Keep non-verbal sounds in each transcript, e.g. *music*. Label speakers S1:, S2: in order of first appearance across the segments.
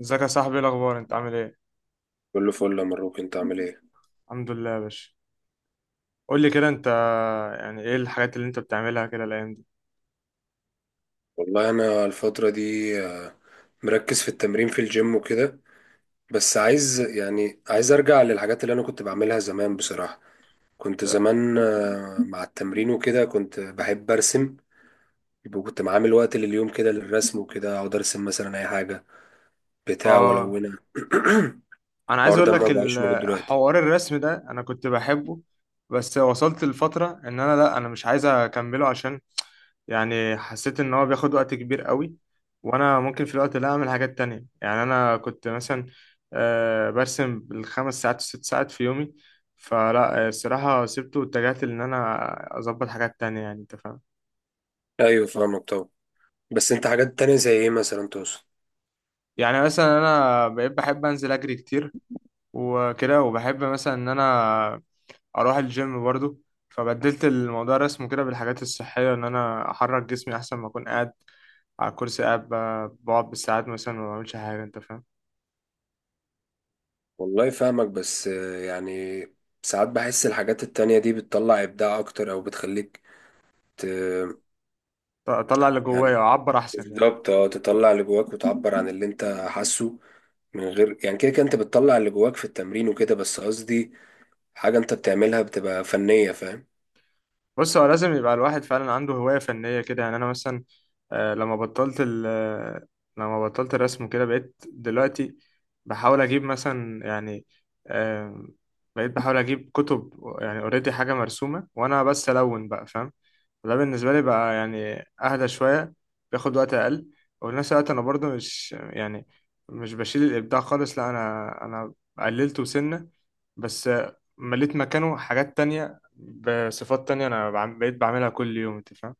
S1: ازيك يا صاحبي؟ ايه الاخبار؟ انت عامل ايه؟
S2: كله فل يا مروك، انت عامل ايه؟
S1: الحمد لله يا باشا. قول لي كده انت، يعني ايه الحاجات اللي انت بتعملها كده الايام دي؟
S2: والله انا الفترة دي آه، مركز في التمرين في الجيم وكده. بس عايز، يعني عايز ارجع للحاجات اللي انا كنت بعملها زمان بصراحة. كنت زمان مع التمرين وكده كنت بحب ارسم. يبقى كنت عامل وقت لليوم كده للرسم وكده، اقعد ارسم مثلا اي حاجة بتاع
S1: اه،
S2: والونها. *clears throat*
S1: انا عايز
S2: الحوار
S1: اقول
S2: ده ما
S1: لك
S2: بقاش موجود دلوقتي.
S1: حوار الرسم ده انا كنت بحبه، بس وصلت لفترة ان انا لا، انا مش عايز اكمله، عشان يعني حسيت ان هو بياخد وقت كبير قوي، وانا ممكن في الوقت ده اعمل حاجات تانية. يعني انا كنت مثلا برسم بالخمس ساعات وست ساعات في يومي، فلا الصراحة سبته واتجهت ان انا اظبط حاجات تانية، يعني انت فاهم.
S2: ايوه فاهمك طبعا، بس انت حاجات تانية زي ايه مثلا تقصد؟
S1: يعني مثلا انا بقيت بحب انزل اجري كتير وكده، وبحب مثلا ان انا اروح الجيم برضو، فبدلت الموضوع رسمه كده بالحاجات الصحيه، ان انا احرك جسمي احسن ما اكون قاعد على الكرسي، قاعد بقعد بالساعات مثلا وما بعملش حاجه، انت فاهم.
S2: والله فاهمك، بس يعني ساعات بحس الحاجات التانية دي بتطلع إبداع أكتر أو بتخليك ت...
S1: اطلع اللي
S2: يعني
S1: جوايا واعبر احسن يعني.
S2: بالظبط، اه تطلع اللي جواك وتعبر عن اللي أنت حاسه من غير، يعني كده كده أنت بتطلع اللي جواك في التمرين وكده، بس قصدي حاجة أنت بتعملها بتبقى فنية، فاهم؟
S1: بص، هو لازم يبقى الواحد فعلا عنده هواية فنية كده. يعني أنا مثلا لما بطلت ال آه، لما بطلت الرسم كده، بقيت دلوقتي بحاول أجيب مثلا، يعني آم، بقيت بحاول أجيب كتب، يعني أوريدي حاجة مرسومة وأنا بس ألون بقى، فاهم؟ وده بالنسبة لي بقى يعني أهدى شوية، بياخد وقت أقل. وفي نفس الوقت أنا برضو مش يعني مش بشيل الإبداع خالص، لا أنا قللته سنة بس، مليت مكانه حاجات تانية بصفات تانية أنا بقيت بعملها كل يوم، أنت فاهم.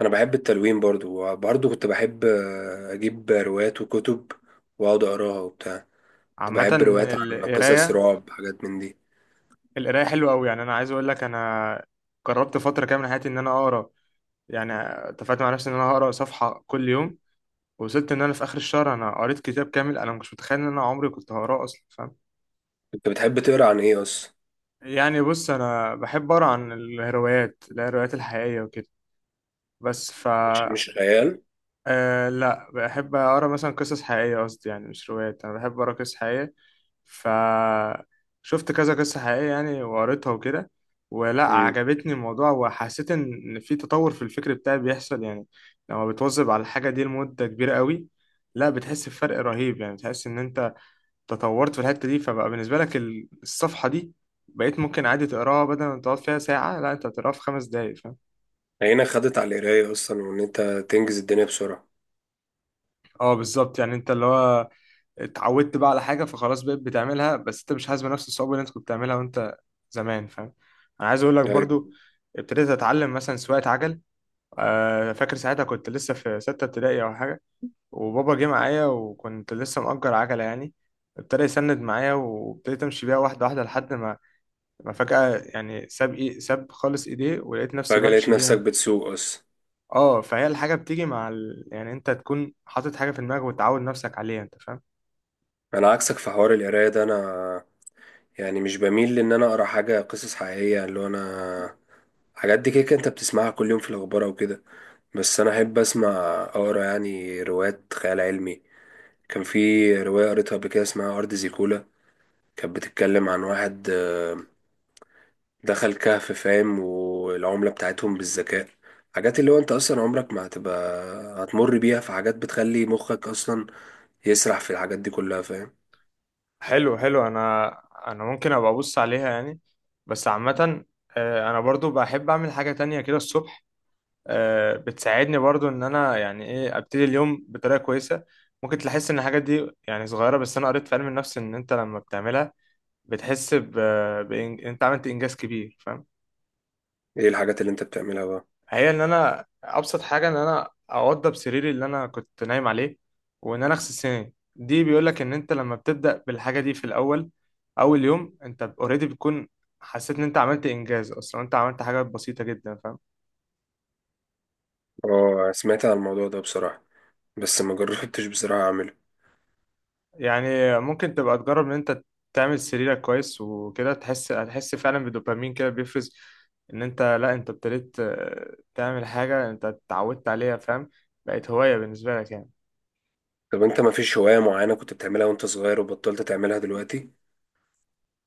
S2: أنا بحب التلوين برضو، وبرضو كنت بحب أجيب روايات وكتب وأقعد أقراها وبتاع. كنت
S1: عامة
S2: بحب روايات عن قصص
S1: القراية،
S2: رعب، حاجات من دي.
S1: القراية حلوة أوي. يعني أنا عايز أقول لك، أنا جربت فترة كاملة من حياتي إن أنا أقرأ. يعني اتفقت مع نفسي إن أنا هقرأ صفحة كل يوم، وصلت إن أنا في آخر الشهر أنا قريت كتاب كامل، أنا مش متخيل إن أنا عمري كنت هقراه أصلا، فاهم؟
S2: أنت بتحب تقرا عن إيه أصلا؟
S1: يعني بص، انا بحب اقرا عن الهروايات الحقيقيه وكده، بس ف،
S2: مش خيال.
S1: آه لا، بحب اقرا مثلا قصص حقيقيه، قصدي يعني مش روايات، انا بحب اقرا قصص حقيقيه. ف شفت كذا قصه حقيقيه يعني وقريتها وكده، ولا عجبتني الموضوع، وحسيت إن في تطور في الفكر بتاعي بيحصل يعني. لما بتواظب على الحاجه دي لمده كبيره قوي، لا بتحس بفرق رهيب، يعني بتحس ان انت تطورت في الحتة دي، فبقى بالنسبة لك الصفحة دي بقيت ممكن عادي تقراها بدل ما تقعد فيها ساعة، لا انت هتقراها في خمس دقايق، فاهم؟
S2: هنا خدت على القراية أصلا، وإن أنت تنجز الدنيا بسرعة.
S1: اه بالظبط. يعني انت اللي هو اتعودت بقى على حاجة، فخلاص بقيت بتعملها، بس انت مش حاسس بنفس الصعوبة اللي انت كنت بتعملها وانت زمان، فاهم؟ انا عايز اقول لك
S2: أيوة.
S1: برضو، ابتديت اتعلم مثلا سواقة عجل، فاكر ساعتها كنت لسه في ستة ابتدائي او حاجة، وبابا جه معايا وكنت لسه مأجر عجلة يعني. ابتدى يسند معايا وابتديت امشي بيها واحدة واحدة، لحد ما انا فجأة يعني ساب خالص ايديه، ولقيت نفسي
S2: فجأة لقيت
S1: بمشي
S2: نفسك
S1: بيها.
S2: بتسوق أصلا.
S1: اه، فهي الحاجة بتيجي مع يعني انت تكون حاطط حاجة في دماغك وتعود نفسك عليها، انت فاهم.
S2: أنا عكسك في حوار القراية ده. أنا يعني مش بميل لإن أنا أقرأ حاجة قصص حقيقية، اللي هو أنا حاجات دي كده كده أنت بتسمعها كل يوم في الأخبار أو كده. بس أنا أحب أسمع، أقرأ يعني روايات خيال علمي. كان في رواية قريتها قبل كده اسمها أرض زيكولا. كانت بتتكلم عن واحد دخل كهف، فاهم، والعملة بتاعتهم بالذكاء. حاجات اللي هو انت اصلا عمرك ما هتبقى هتمر بيها، في حاجات بتخلي مخك اصلا يسرح في الحاجات دي كلها، فاهم؟
S1: حلو. انا انا ممكن ابقى ابص عليها يعني، بس عامة انا برضو بحب اعمل حاجة تانية كده الصبح، بتساعدني برضو ان انا يعني ايه ابتدي اليوم بطريقة كويسة. ممكن تحس ان الحاجات دي يعني صغيرة، بس انا قريت في علم النفس ان انت لما بتعملها بتحس ب... انت عملت انجاز كبير، فاهم؟
S2: ايه الحاجات اللي انت بتعملها بقى؟
S1: هي ان انا ابسط حاجه، ان انا اوضب سريري اللي انا كنت نايم عليه، وان انا اغسل سناني. دي بيقول لك ان انت لما بتبدا بالحاجه دي في الاول، اول يوم انت اوريدي بتكون حسيت ان انت عملت انجاز، اصلا انت عملت حاجه بسيطه جدا، فاهم؟
S2: اه، سمعت عن الموضوع ده بصراحة، بس ما جربتش بصراحة اعمله.
S1: يعني ممكن تبقى تجرب ان انت تعمل سريرك كويس وكده، تحس، هتحس فعلا بدوبامين كده بيفرز، ان انت لا، انت ابتديت تعمل حاجه انت اتعودت عليها، فاهم؟ بقت هوايه بالنسبه لك يعني.
S2: طب انت ما فيش هواية معينة كنت بتعملها وانت صغير وبطلت تعملها دلوقتي؟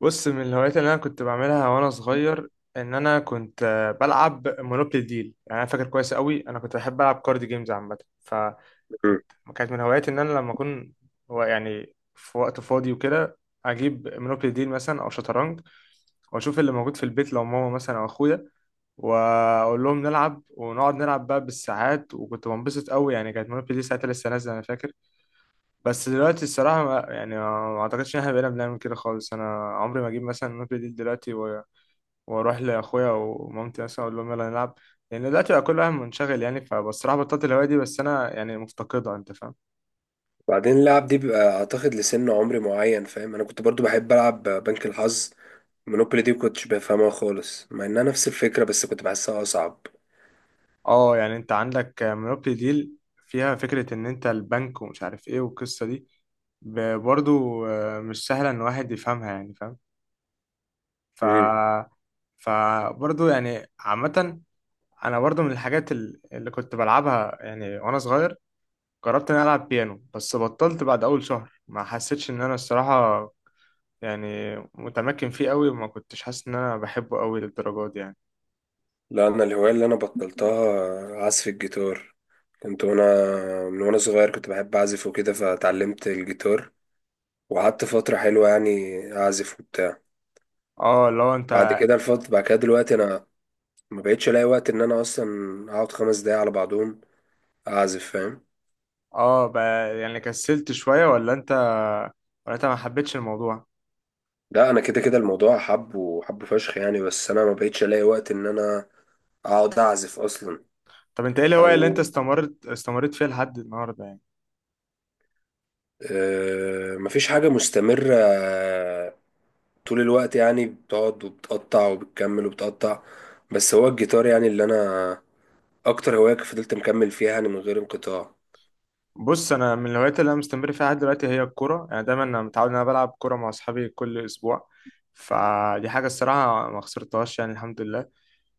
S1: بص، من الهوايات اللي انا كنت بعملها وانا صغير، ان انا كنت بلعب مونوبولي ديل. يعني انا فاكر كويس قوي، انا كنت بحب العب كارد جيمز عامه،
S2: مم.
S1: فكنت كانت من هواياتي ان انا لما اكون، هو يعني في وقت فاضي وكده، اجيب مونوبولي ديل مثلا او شطرنج، واشوف اللي موجود في البيت، لو ماما مثلا او اخويا، واقول لهم نلعب، ونقعد نلعب بقى بالساعات، وكنت بنبسط قوي يعني. كانت مونوبولي دي ساعتها لسه نازله، انا فاكر. بس دلوقتي الصراحة ما يعني ما أعتقدش إن إحنا بقينا بنعمل كده خالص. أنا عمري ما أجيب مثلا نوت دي دلوقتي وأروح لأخويا ومامتي مثلا أقول لهم يلا نلعب، لأن دلوقتي بقى كل واحد منشغل يعني. فبصراحة بطلت الهواية دي، بس أنا يعني مفتقدها، أنت فاهم.
S2: بعدين اللعب دي بيبقى اعتقد لسن عمري معين، فاهم. انا كنت برضو بحب العب بنك الحظ. مونوبولي دي كنتش بفهمها خالص، مع انها نفس الفكرة بس كنت بحسها اصعب.
S1: أه، يعني أنت عندك مونوبولي ديل، فيها فكرة إن أنت البنك ومش عارف إيه والقصة دي، برضو مش سهلة إن واحد يفهمها يعني، فاهم؟
S2: مم.
S1: ف فبرضو يعني عامة، أنا برضو من الحاجات اللي كنت بلعبها يعني وأنا صغير، جربت اني العب بيانو، بس بطلت بعد اول شهر، ما حسيتش ان انا الصراحه يعني متمكن فيه قوي، وما كنتش حاسس ان انا بحبه قوي للدرجه دي يعني.
S2: لا، انا الهوايه اللي انا بطلتها عزف الجيتار. كنت وانا، من وانا صغير كنت بحب اعزف وكده، فتعلمت الجيتار وقعدت فتره حلوه يعني اعزف وبتاع.
S1: اه لو انت،
S2: بعد كده الفتره، بعد كده دلوقتي انا ما بقتش الاقي وقت ان انا اصلا اقعد خمس دقايق على بعضهم اعزف، فاهم.
S1: اه يعني كسلت شويه، ولا انت، ولا انت ما حبيتش الموضوع؟
S2: لا انا كده كده الموضوع حب وحب فشخ يعني، بس انا ما بقتش الاقي وقت ان انا اقعد اعزف اصلا.
S1: طب انت ايه الهوايه اللي انت
S2: او
S1: استمريت فيها لحد النهارده يعني؟
S2: مفيش حاجه مستمره طول الوقت، يعني بتقعد وبتقطع وبتكمل وبتقطع، بس هو الجيتار يعني اللي انا اكتر هواية فضلت مكمل فيها يعني من غير انقطاع.
S1: بص، انا من الهوايات اللي انا مستمر فيها لحد دلوقتي هي الكوره. يعني دايما انا متعود ان انا بلعب كوره مع اصحابي كل اسبوع، فدي حاجه الصراحه ما خسرتهاش يعني، الحمد لله.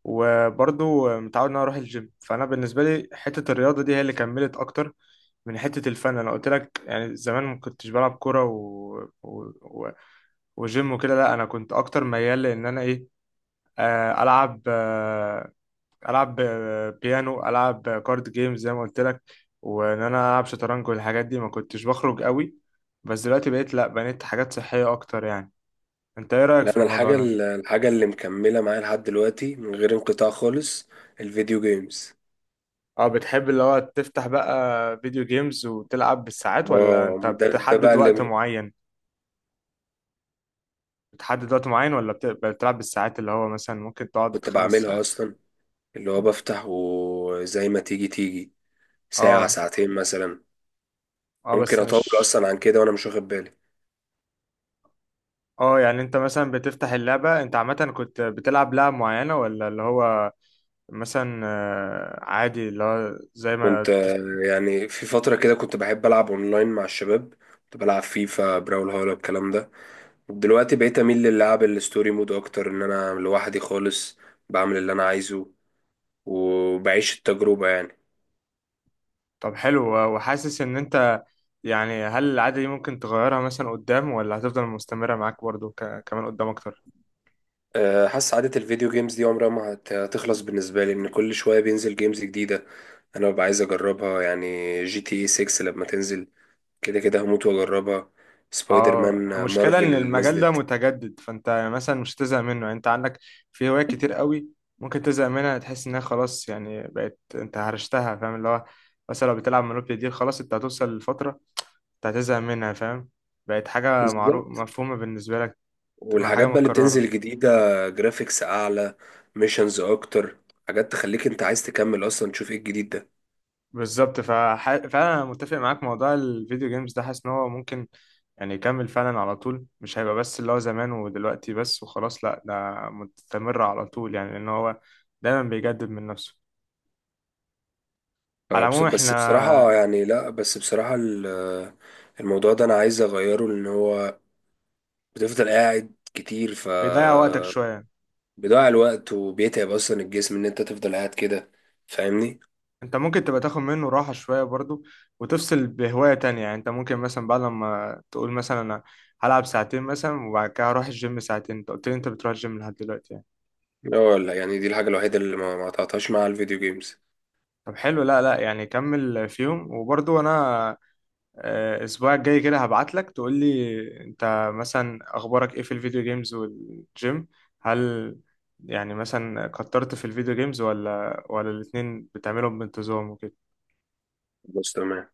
S1: وبرضه متعود ان انا اروح الجيم، فانا بالنسبه لي حته الرياضه دي هي اللي كملت اكتر من حته الفن. انا قلت لك يعني زمان ما كنتش بلعب كوره و... و... وجيم وكده، لا انا كنت اكتر ميال لان انا ايه، العب العب بيانو، العب كارد جيمز زي ما قلت لك، وان انا العب شطرنج والحاجات دي، ما كنتش بخرج قوي. بس دلوقتي بقيت لا، بنيت حاجات صحيه اكتر يعني. انت ايه رايك
S2: لا،
S1: في
S2: انا
S1: الموضوع
S2: الحاجة
S1: ده؟
S2: الحاجة اللي مكملة معايا لحد دلوقتي من غير انقطاع خالص، الفيديو جيمز.
S1: اه، بتحب اللي هو تفتح بقى فيديو جيمز وتلعب بالساعات، ولا انت
S2: واو، ده بقى
S1: بتحدد وقت
S2: اللي
S1: معين؟ بتحدد وقت معين ولا بتلعب بالساعات، اللي هو مثلا ممكن تقعد
S2: كنت
S1: خمس
S2: بعملها
S1: ساعات؟
S2: اصلا، اللي هو بفتح وزي ما تيجي تيجي، ساعة
S1: اه،
S2: ساعتين مثلا.
S1: اه
S2: ممكن
S1: بس
S2: اطول
S1: مش،
S2: اصلا عن كده وانا مش واخد بالي.
S1: اه يعني انت مثلا بتفتح اللعبة، انت عامة كنت بتلعب لعبة معينة، ولا اللي هو مثلا عادي اللي هو زي
S2: كنت
S1: ما
S2: يعني في فترة كده كنت بحب ألعب أونلاين مع الشباب. كنت بلعب فيفا، براول هولا، الكلام ده. دلوقتي بقيت أميل للعب الستوري مود أكتر، إن أنا لوحدي خالص بعمل اللي أنا عايزه وبعيش التجربة يعني.
S1: طب حلو. وحاسس ان انت، يعني هل العادة دي ممكن تغيرها مثلا قدام، ولا هتفضل مستمرة معاك برضو كمان قدام اكتر؟
S2: حاسس عادة الفيديو جيمز دي عمرها ما هتخلص بالنسبة لي، إن كل شوية بينزل جيمز جديدة أنا ببقى عايز أجربها يعني. جي تي اي 6 لما تنزل كده كده هموت وأجربها. سبايدر
S1: اه،
S2: مان
S1: المشكلة
S2: مارفل
S1: ان
S2: اللي
S1: المجال ده
S2: نزلت.
S1: متجدد، فانت مثلا مش هتزهق منه. يعني انت عندك في هوايات كتير قوي ممكن تزهق منها، تحس انها خلاص يعني بقت انت هرشتها، فاهم؟ اللي هو مثلا لو بتلعب مونوبولي دي، خلاص انت هتوصل لفترة انت هتزهق منها، فاهم؟ بقت حاجة معروف
S2: بالظبط.
S1: مفهومة بالنسبة لك، تبقى حاجة
S2: والحاجات بقى اللي
S1: متكررة.
S2: بتنزل جديدة، جرافيكس أعلى، ميشنز أكتر، حاجات تخليك أنت عايز تكمل أصلا تشوف إيه الجديد ده.
S1: بالظبط. فانا متفق معاك، موضوع الفيديو جيمز ده حاسس ان هو ممكن يعني يكمل فعلا على طول، مش هيبقى بس اللي هو زمان ودلوقتي بس وخلاص، لا ده مستمر على طول يعني، لأن هو دايما بيجدد من نفسه. على
S2: فبس-
S1: العموم
S2: بس
S1: احنا،
S2: بصراحة يعني، لأ بس بصراحة الموضوع ده أنا عايز أغيره، لأن هو بتفضل قاعد كتير، ف
S1: بيضيع وقتك شوية،
S2: بيضيع الوقت وبيتعب أصلا الجسم إن أنت تفضل قاعد كده، فاهمني؟
S1: انت ممكن تبقى تاخد منه راحة شوية برضو، وتفصل بهواية تانية. يعني انت ممكن مثلا بعد لما تقول مثلا انا هلعب ساعتين مثلا، وبعد كده هروح الجيم ساعتين، انت قلت لي انت بتروح الجيم لحد دلوقتي يعني.
S2: اه لا، ولا يعني دي الحاجة الوحيدة اللي ما قطعتهاش مع الفيديو جيمز.
S1: طب حلو، لا، لا، يعني كمل فيهم. وبرضو انا الاسبوع الجاي كده هبعت لك تقول لي انت مثلا اخبارك ايه في الفيديو جيمز والجيم، هل يعني مثلا كترت في الفيديو جيمز، ولا الاتنين بتعملهم بانتظام وكده؟
S2: بس تمام.